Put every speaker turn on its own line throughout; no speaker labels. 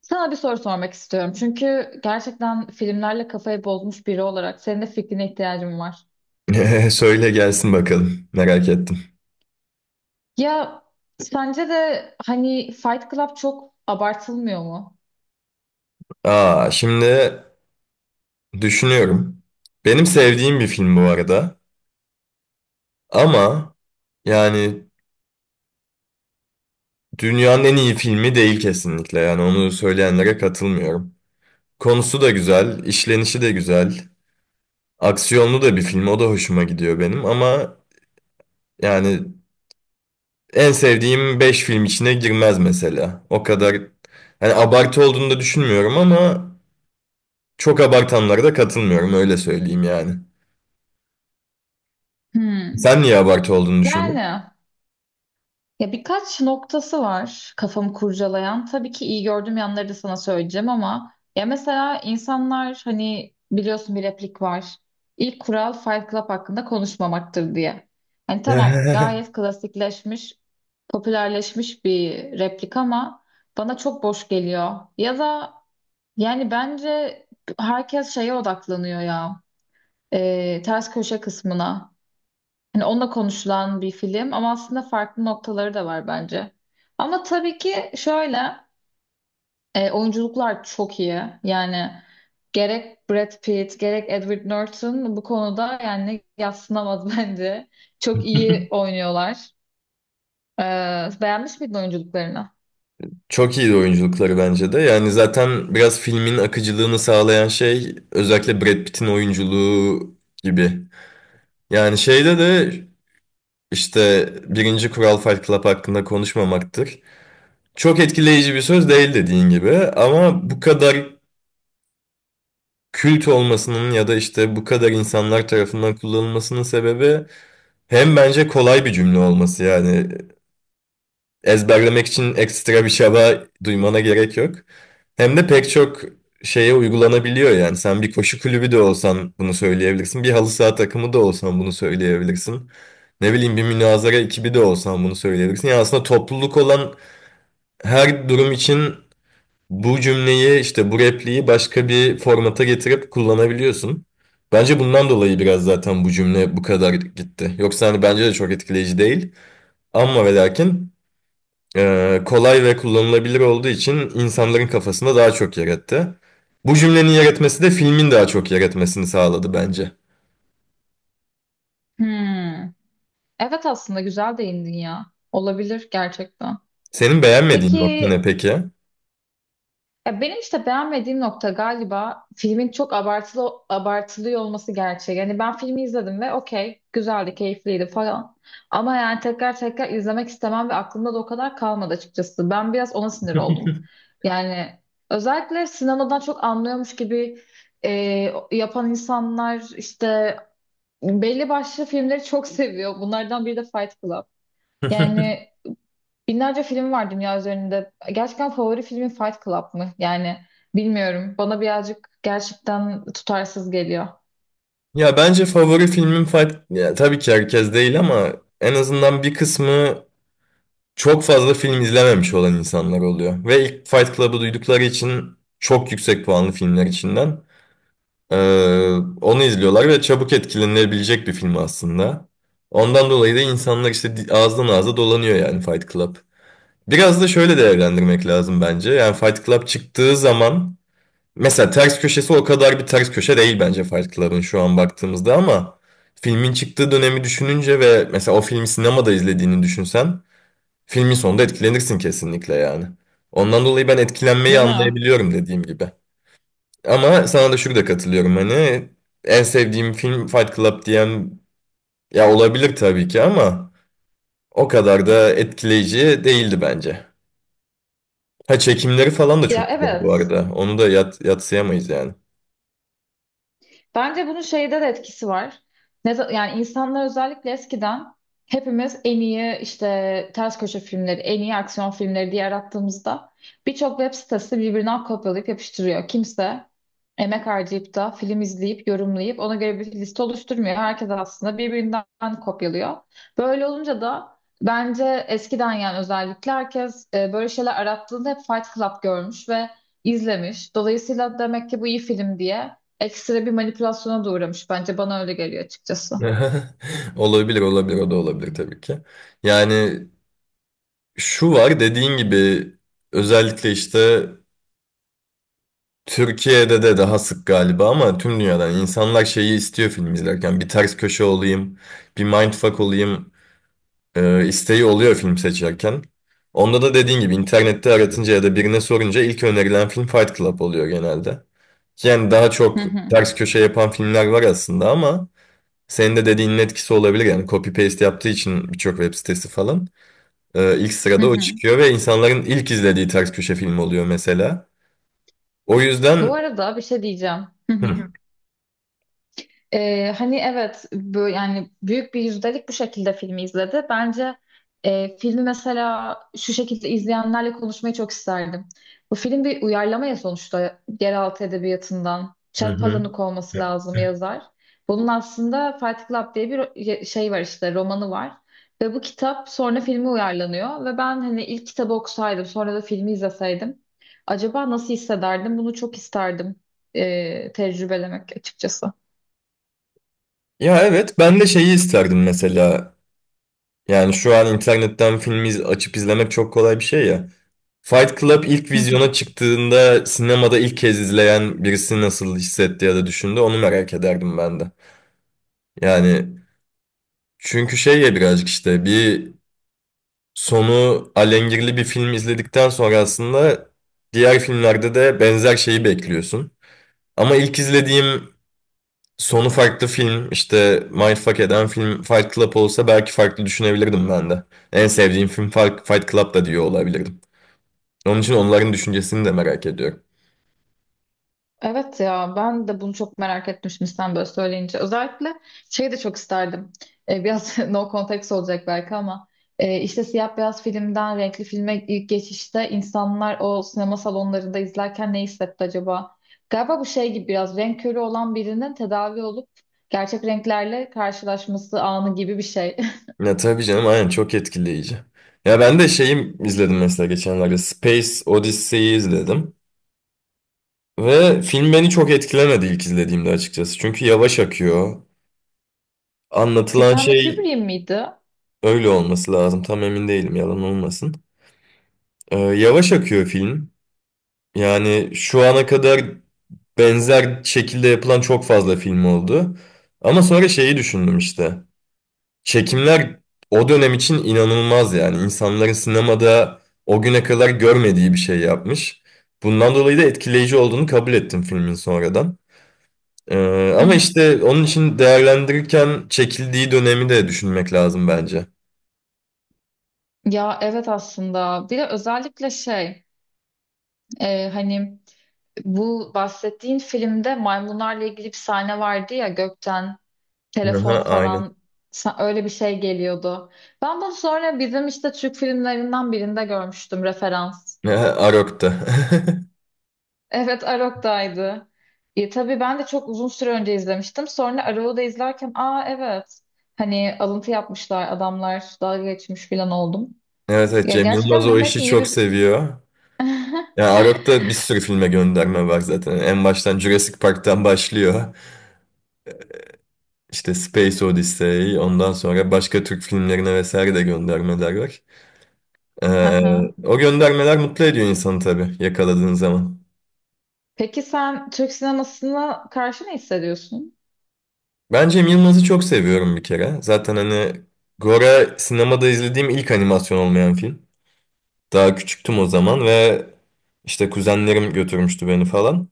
Sana bir soru sormak istiyorum. Çünkü gerçekten filmlerle kafayı bozmuş biri olarak senin de fikrine ihtiyacım var.
Söyle gelsin bakalım. Merak ettim.
Ya, sence de hani Fight Club çok abartılmıyor mu?
Şimdi düşünüyorum. Benim sevdiğim bir film bu arada. Ama yani dünyanın en iyi filmi değil kesinlikle. Yani onu söyleyenlere katılmıyorum. Konusu da güzel, işlenişi de güzel. Aksiyonlu da bir film. O da hoşuma gidiyor benim. Ama yani en sevdiğim 5 film içine girmez mesela. O kadar yani abartı olduğunu da düşünmüyorum ama çok abartanlara da katılmıyorum öyle söyleyeyim yani.
Hmm.
Sen niye abartı olduğunu
Yani
düşündün?
Ya birkaç noktası var kafamı kurcalayan. Tabii ki iyi gördüğüm yanları da sana söyleyeceğim ama ya mesela insanlar hani biliyorsun bir replik var. İlk kural Fight Club hakkında konuşmamaktır diye. Hani tamam gayet klasikleşmiş, popülerleşmiş bir replik ama bana çok boş geliyor. Ya da yani bence herkes şeye odaklanıyor ya. Ters köşe kısmına. Hani onunla konuşulan bir film ama aslında farklı noktaları da var bence. Ama tabii ki şöyle oyunculuklar çok iyi. Yani gerek Brad Pitt gerek Edward Norton bu konuda yani yadsınamaz bence. Çok iyi oynuyorlar. Beğenmiş miydin oyunculuklarını?
Çok iyi oyunculukları bence de. Yani zaten biraz filmin akıcılığını sağlayan şey özellikle Brad Pitt'in oyunculuğu gibi. Yani şeyde de işte birinci kural Fight Club hakkında konuşmamaktır. Çok etkileyici bir söz değil dediğin gibi ama bu kadar kült olmasının ya da işte bu kadar insanlar tarafından kullanılmasının sebebi hem bence kolay bir cümle olması yani ezberlemek için ekstra bir çaba duymana gerek yok. Hem de pek çok şeye uygulanabiliyor yani. Sen bir koşu kulübü de olsan bunu söyleyebilirsin. Bir halı saha takımı da olsan bunu söyleyebilirsin. Ne bileyim bir münazara ekibi de olsan bunu söyleyebilirsin. Yani aslında topluluk olan her durum için bu cümleyi işte bu repliği başka bir formata getirip kullanabiliyorsun. Bence bundan dolayı biraz zaten bu cümle bu kadar gitti. Yoksa hani bence de çok etkileyici değil. Ama ve lakin kolay ve kullanılabilir olduğu için insanların kafasında daha çok yer etti. Bu cümlenin yer etmesi de filmin daha çok yer etmesini sağladı bence.
Hmm. Evet, aslında güzel değindin ya. Olabilir gerçekten.
Senin beğenmediğin
Peki,
nokta ne peki?
ya benim işte beğenmediğim nokta galiba filmin çok abartılı abartılıyor olması gerçeği. Yani ben filmi izledim ve okey, güzeldi, keyifliydi falan. Ama yani tekrar tekrar izlemek istemem ve aklımda da o kadar kalmadı açıkçası. Ben biraz ona sinir oldum. Yani özellikle sinemadan çok anlıyormuş gibi e, yapan insanlar işte belli başlı filmleri çok seviyor. Bunlardan biri de Fight Club. Yani binlerce film var dünya üzerinde. Gerçekten favori filmin Fight Club mı? Yani bilmiyorum. Bana birazcık gerçekten tutarsız geliyor.
Ya bence favori filmim Fight... Ya, tabii ki herkes değil ama en azından bir kısmı çok fazla film izlememiş olan insanlar oluyor. Ve ilk Fight Club'ı duydukları için çok yüksek puanlı filmler içinden. Ee, Onu izliyorlar ve çabuk etkilenilebilecek bir film aslında. Ondan dolayı da insanlar işte ağızdan ağza dolanıyor yani Fight Club. Biraz da şöyle değerlendirmek lazım bence. Yani Fight Club çıktığı zaman mesela ters köşesi o kadar bir ters köşe değil bence Fight Club'ın şu an baktığımızda ama filmin çıktığı dönemi düşününce ve mesela o filmi sinemada izlediğini düşünsen filmin sonunda etkilenirsin kesinlikle yani. Ondan dolayı ben etkilenmeyi
Değil mi?
anlayabiliyorum dediğim gibi. Ama sana da şurada katılıyorum hani en sevdiğim film Fight Club diyen ya olabilir tabii ki ama o kadar da etkileyici değildi bence. Ha çekimleri falan da
Ya,
çok güzel bu
evet.
arada. Onu da yatsıyamayız yani.
Bence bunun şeyde de etkisi var. Yani insanlar özellikle eskiden hepimiz en iyi işte ters köşe filmleri, en iyi aksiyon filmleri diye arattığımızda birçok web sitesi birbirinden kopyalayıp yapıştırıyor. Kimse emek harcayıp da film izleyip, yorumlayıp ona göre bir liste oluşturmuyor. Herkes aslında birbirinden kopyalıyor. Böyle olunca da bence eskiden yani özellikle herkes böyle şeyler arattığında hep Fight Club görmüş ve izlemiş. Dolayısıyla demek ki bu iyi film diye ekstra bir manipülasyona da uğramış, bence bana öyle geliyor açıkçası.
Olabilir olabilir o da olabilir tabii ki. Yani şu var dediğin gibi özellikle işte Türkiye'de de daha sık galiba ama tüm dünyadan insanlar şeyi istiyor film izlerken. Bir ters köşe olayım, bir mindfuck olayım. İsteği oluyor film seçerken. Onda da dediğin gibi internette aratınca ya da birine sorunca ilk önerilen film Fight Club oluyor genelde. Yani daha
Hı
çok
hı.
ters köşe yapan filmler var aslında ama senin de dediğinin etkisi olabilir. Yani copy paste yaptığı için birçok web sitesi falan ilk
Hı
sırada o
hı.
çıkıyor ve insanların ilk izlediği ters köşe film oluyor mesela. O
Bu
yüzden
arada bir şey diyeceğim. Hı hı.
Hı.
Hani evet, bu yani büyük bir yüzdelik bu şekilde filmi izledi. Bence filmi mesela şu şekilde izleyenlerle konuşmayı çok isterdim. Bu film bir uyarlama ya sonuçta, yeraltı edebiyatından.
Hı hı.
Çapalanik olması lazım yazar. Bunun aslında Fight Club diye bir şey var, işte romanı var. Ve bu kitap sonra filme uyarlanıyor. Ve ben hani ilk kitabı okusaydım sonra da filmi izleseydim. Acaba nasıl hissederdim? Bunu çok isterdim tecrübelemek açıkçası.
Ya evet ben de şeyi isterdim mesela. Yani şu an internetten film açıp izlemek çok kolay bir şey ya. Fight Club ilk
Hı hı.
vizyona çıktığında sinemada ilk kez izleyen birisi nasıl hissetti ya da düşündü onu merak ederdim ben de. Yani çünkü şey ya birazcık işte bir sonu alengirli bir film izledikten sonra aslında diğer filmlerde de benzer şeyi bekliyorsun. Ama ilk izlediğim sonu farklı film işte Mindfuck eden film Fight Club olsa belki farklı düşünebilirdim ben de. En sevdiğim film Fight Club da diyor olabilirdim. Onun için onların düşüncesini de merak ediyorum.
Evet ya, ben de bunu çok merak etmiştim sen böyle söyleyince. Özellikle şey de çok isterdim. Biraz no context olacak belki ama işte siyah beyaz filmden renkli filme ilk geçişte insanlar o sinema salonlarında izlerken ne hissetti acaba? Galiba bu şey gibi, biraz renk körü olan birinin tedavi olup gerçek renklerle karşılaşması anı gibi bir şey.
Ya tabii canım aynen çok etkileyici. Ya ben de şeyi izledim mesela geçenlerde Space Odyssey'i izledim. Ve film beni çok etkilemedi ilk izlediğimde açıkçası. Çünkü yavaş akıyor. Anlatılan
Stanley
şey
Kubrick miydi?
öyle olması lazım. Tam emin değilim yalan olmasın. Yavaş akıyor film. Yani şu ana kadar benzer şekilde yapılan çok fazla film oldu. Ama sonra şeyi düşündüm işte. Çekimler o dönem için inanılmaz yani. İnsanların sinemada o güne kadar görmediği bir şey yapmış. Bundan dolayı da etkileyici olduğunu kabul ettim filmin sonradan.
Hı
Ama
hı.
işte onun için değerlendirirken çekildiği dönemi de düşünmek lazım bence.
Ya evet, aslında bir de özellikle şey hani bu bahsettiğin filmde maymunlarla ilgili bir sahne vardı ya, gökten telefon
Aha, aynen.
falan öyle bir şey geliyordu. Ben bunu sonra bizim işte Türk filmlerinden birinde görmüştüm, referans.
Aha, Arok'ta.
Evet, Arok'taydı. E, tabii ben de çok uzun süre önce izlemiştim. Sonra Arok'u da izlerken aa evet, hani alıntı yapmışlar, adamlar dalga geçmiş falan oldum.
Evet, evet
Ya
Cem Yılmaz
gerçekten
o
demek ki
işi
iyi
çok
bir...
seviyor. Yani Arok'ta bir sürü filme gönderme var zaten. En baştan Jurassic Park'tan başlıyor. İşte Space Odyssey, ondan sonra başka Türk filmlerine vesaire de göndermeler var. Ee,
Aha.
O göndermeler mutlu ediyor insanı tabii yakaladığın zaman.
Peki sen Türk sinemasına karşı ne hissediyorsun?
Ben Cem Yılmaz'ı çok seviyorum bir kere. Zaten hani Gora sinemada izlediğim ilk animasyon olmayan film. Daha küçüktüm o zaman ve işte kuzenlerim götürmüştü beni falan.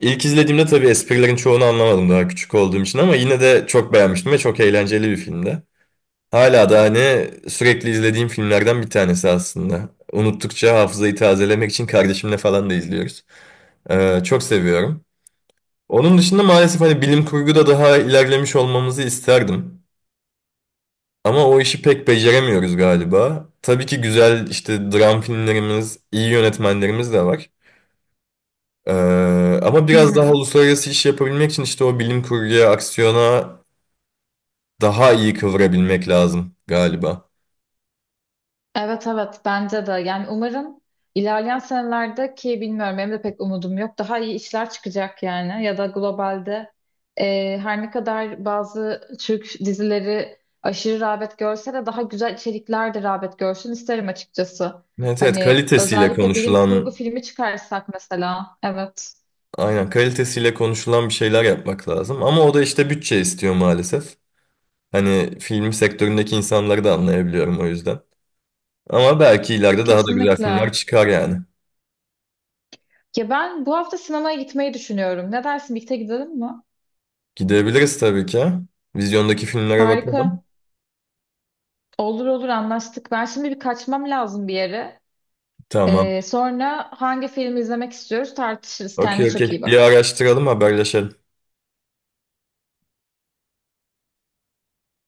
İlk izlediğimde tabii esprilerin çoğunu anlamadım daha küçük olduğum için ama yine de çok beğenmiştim ve çok eğlenceli bir filmdi. Hala da hani sürekli izlediğim filmlerden bir tanesi aslında. Unuttukça hafızayı tazelemek için kardeşimle falan da izliyoruz. Çok seviyorum. Onun dışında maalesef hani bilim kurguda daha ilerlemiş olmamızı isterdim. Ama o işi pek beceremiyoruz galiba. Tabii ki güzel işte dram filmlerimiz, iyi yönetmenlerimiz de var. Ee, Ama
Hı
biraz daha
hı.
uluslararası iş yapabilmek için işte o bilim kurguya, aksiyona daha iyi kıvırabilmek lazım galiba.
Evet evet, bence de. Yani umarım ilerleyen senelerde, ki bilmiyorum benim de pek umudum yok. Daha iyi işler çıkacak yani, ya da globalde her ne kadar bazı Türk dizileri aşırı rağbet görse de daha güzel içerikler de rağbet görsün isterim açıkçası.
Evet evet
Hani
kalitesiyle
özellikle bilim kurgu
konuşulan
filmi çıkarsak mesela. Evet,
Aynen kalitesiyle konuşulan bir şeyler yapmak lazım. Ama o da işte bütçe istiyor maalesef. Hani film sektöründeki insanları da anlayabiliyorum o yüzden. Ama belki ileride daha da güzel filmler
kesinlikle.
çıkar yani.
Ya ben bu hafta sinemaya gitmeyi düşünüyorum. Ne dersin, birlikte gidelim mi?
Gidebiliriz tabii ki. Vizyondaki filmlere bakalım.
Harika. Olur olur, anlaştık. Ben şimdi bir kaçmam lazım bir yere.
Tamam.
Sonra hangi filmi izlemek istiyoruz tartışırız. Kendine
Okey
çok iyi
okey. Bir
bak.
araştıralım haberleşelim.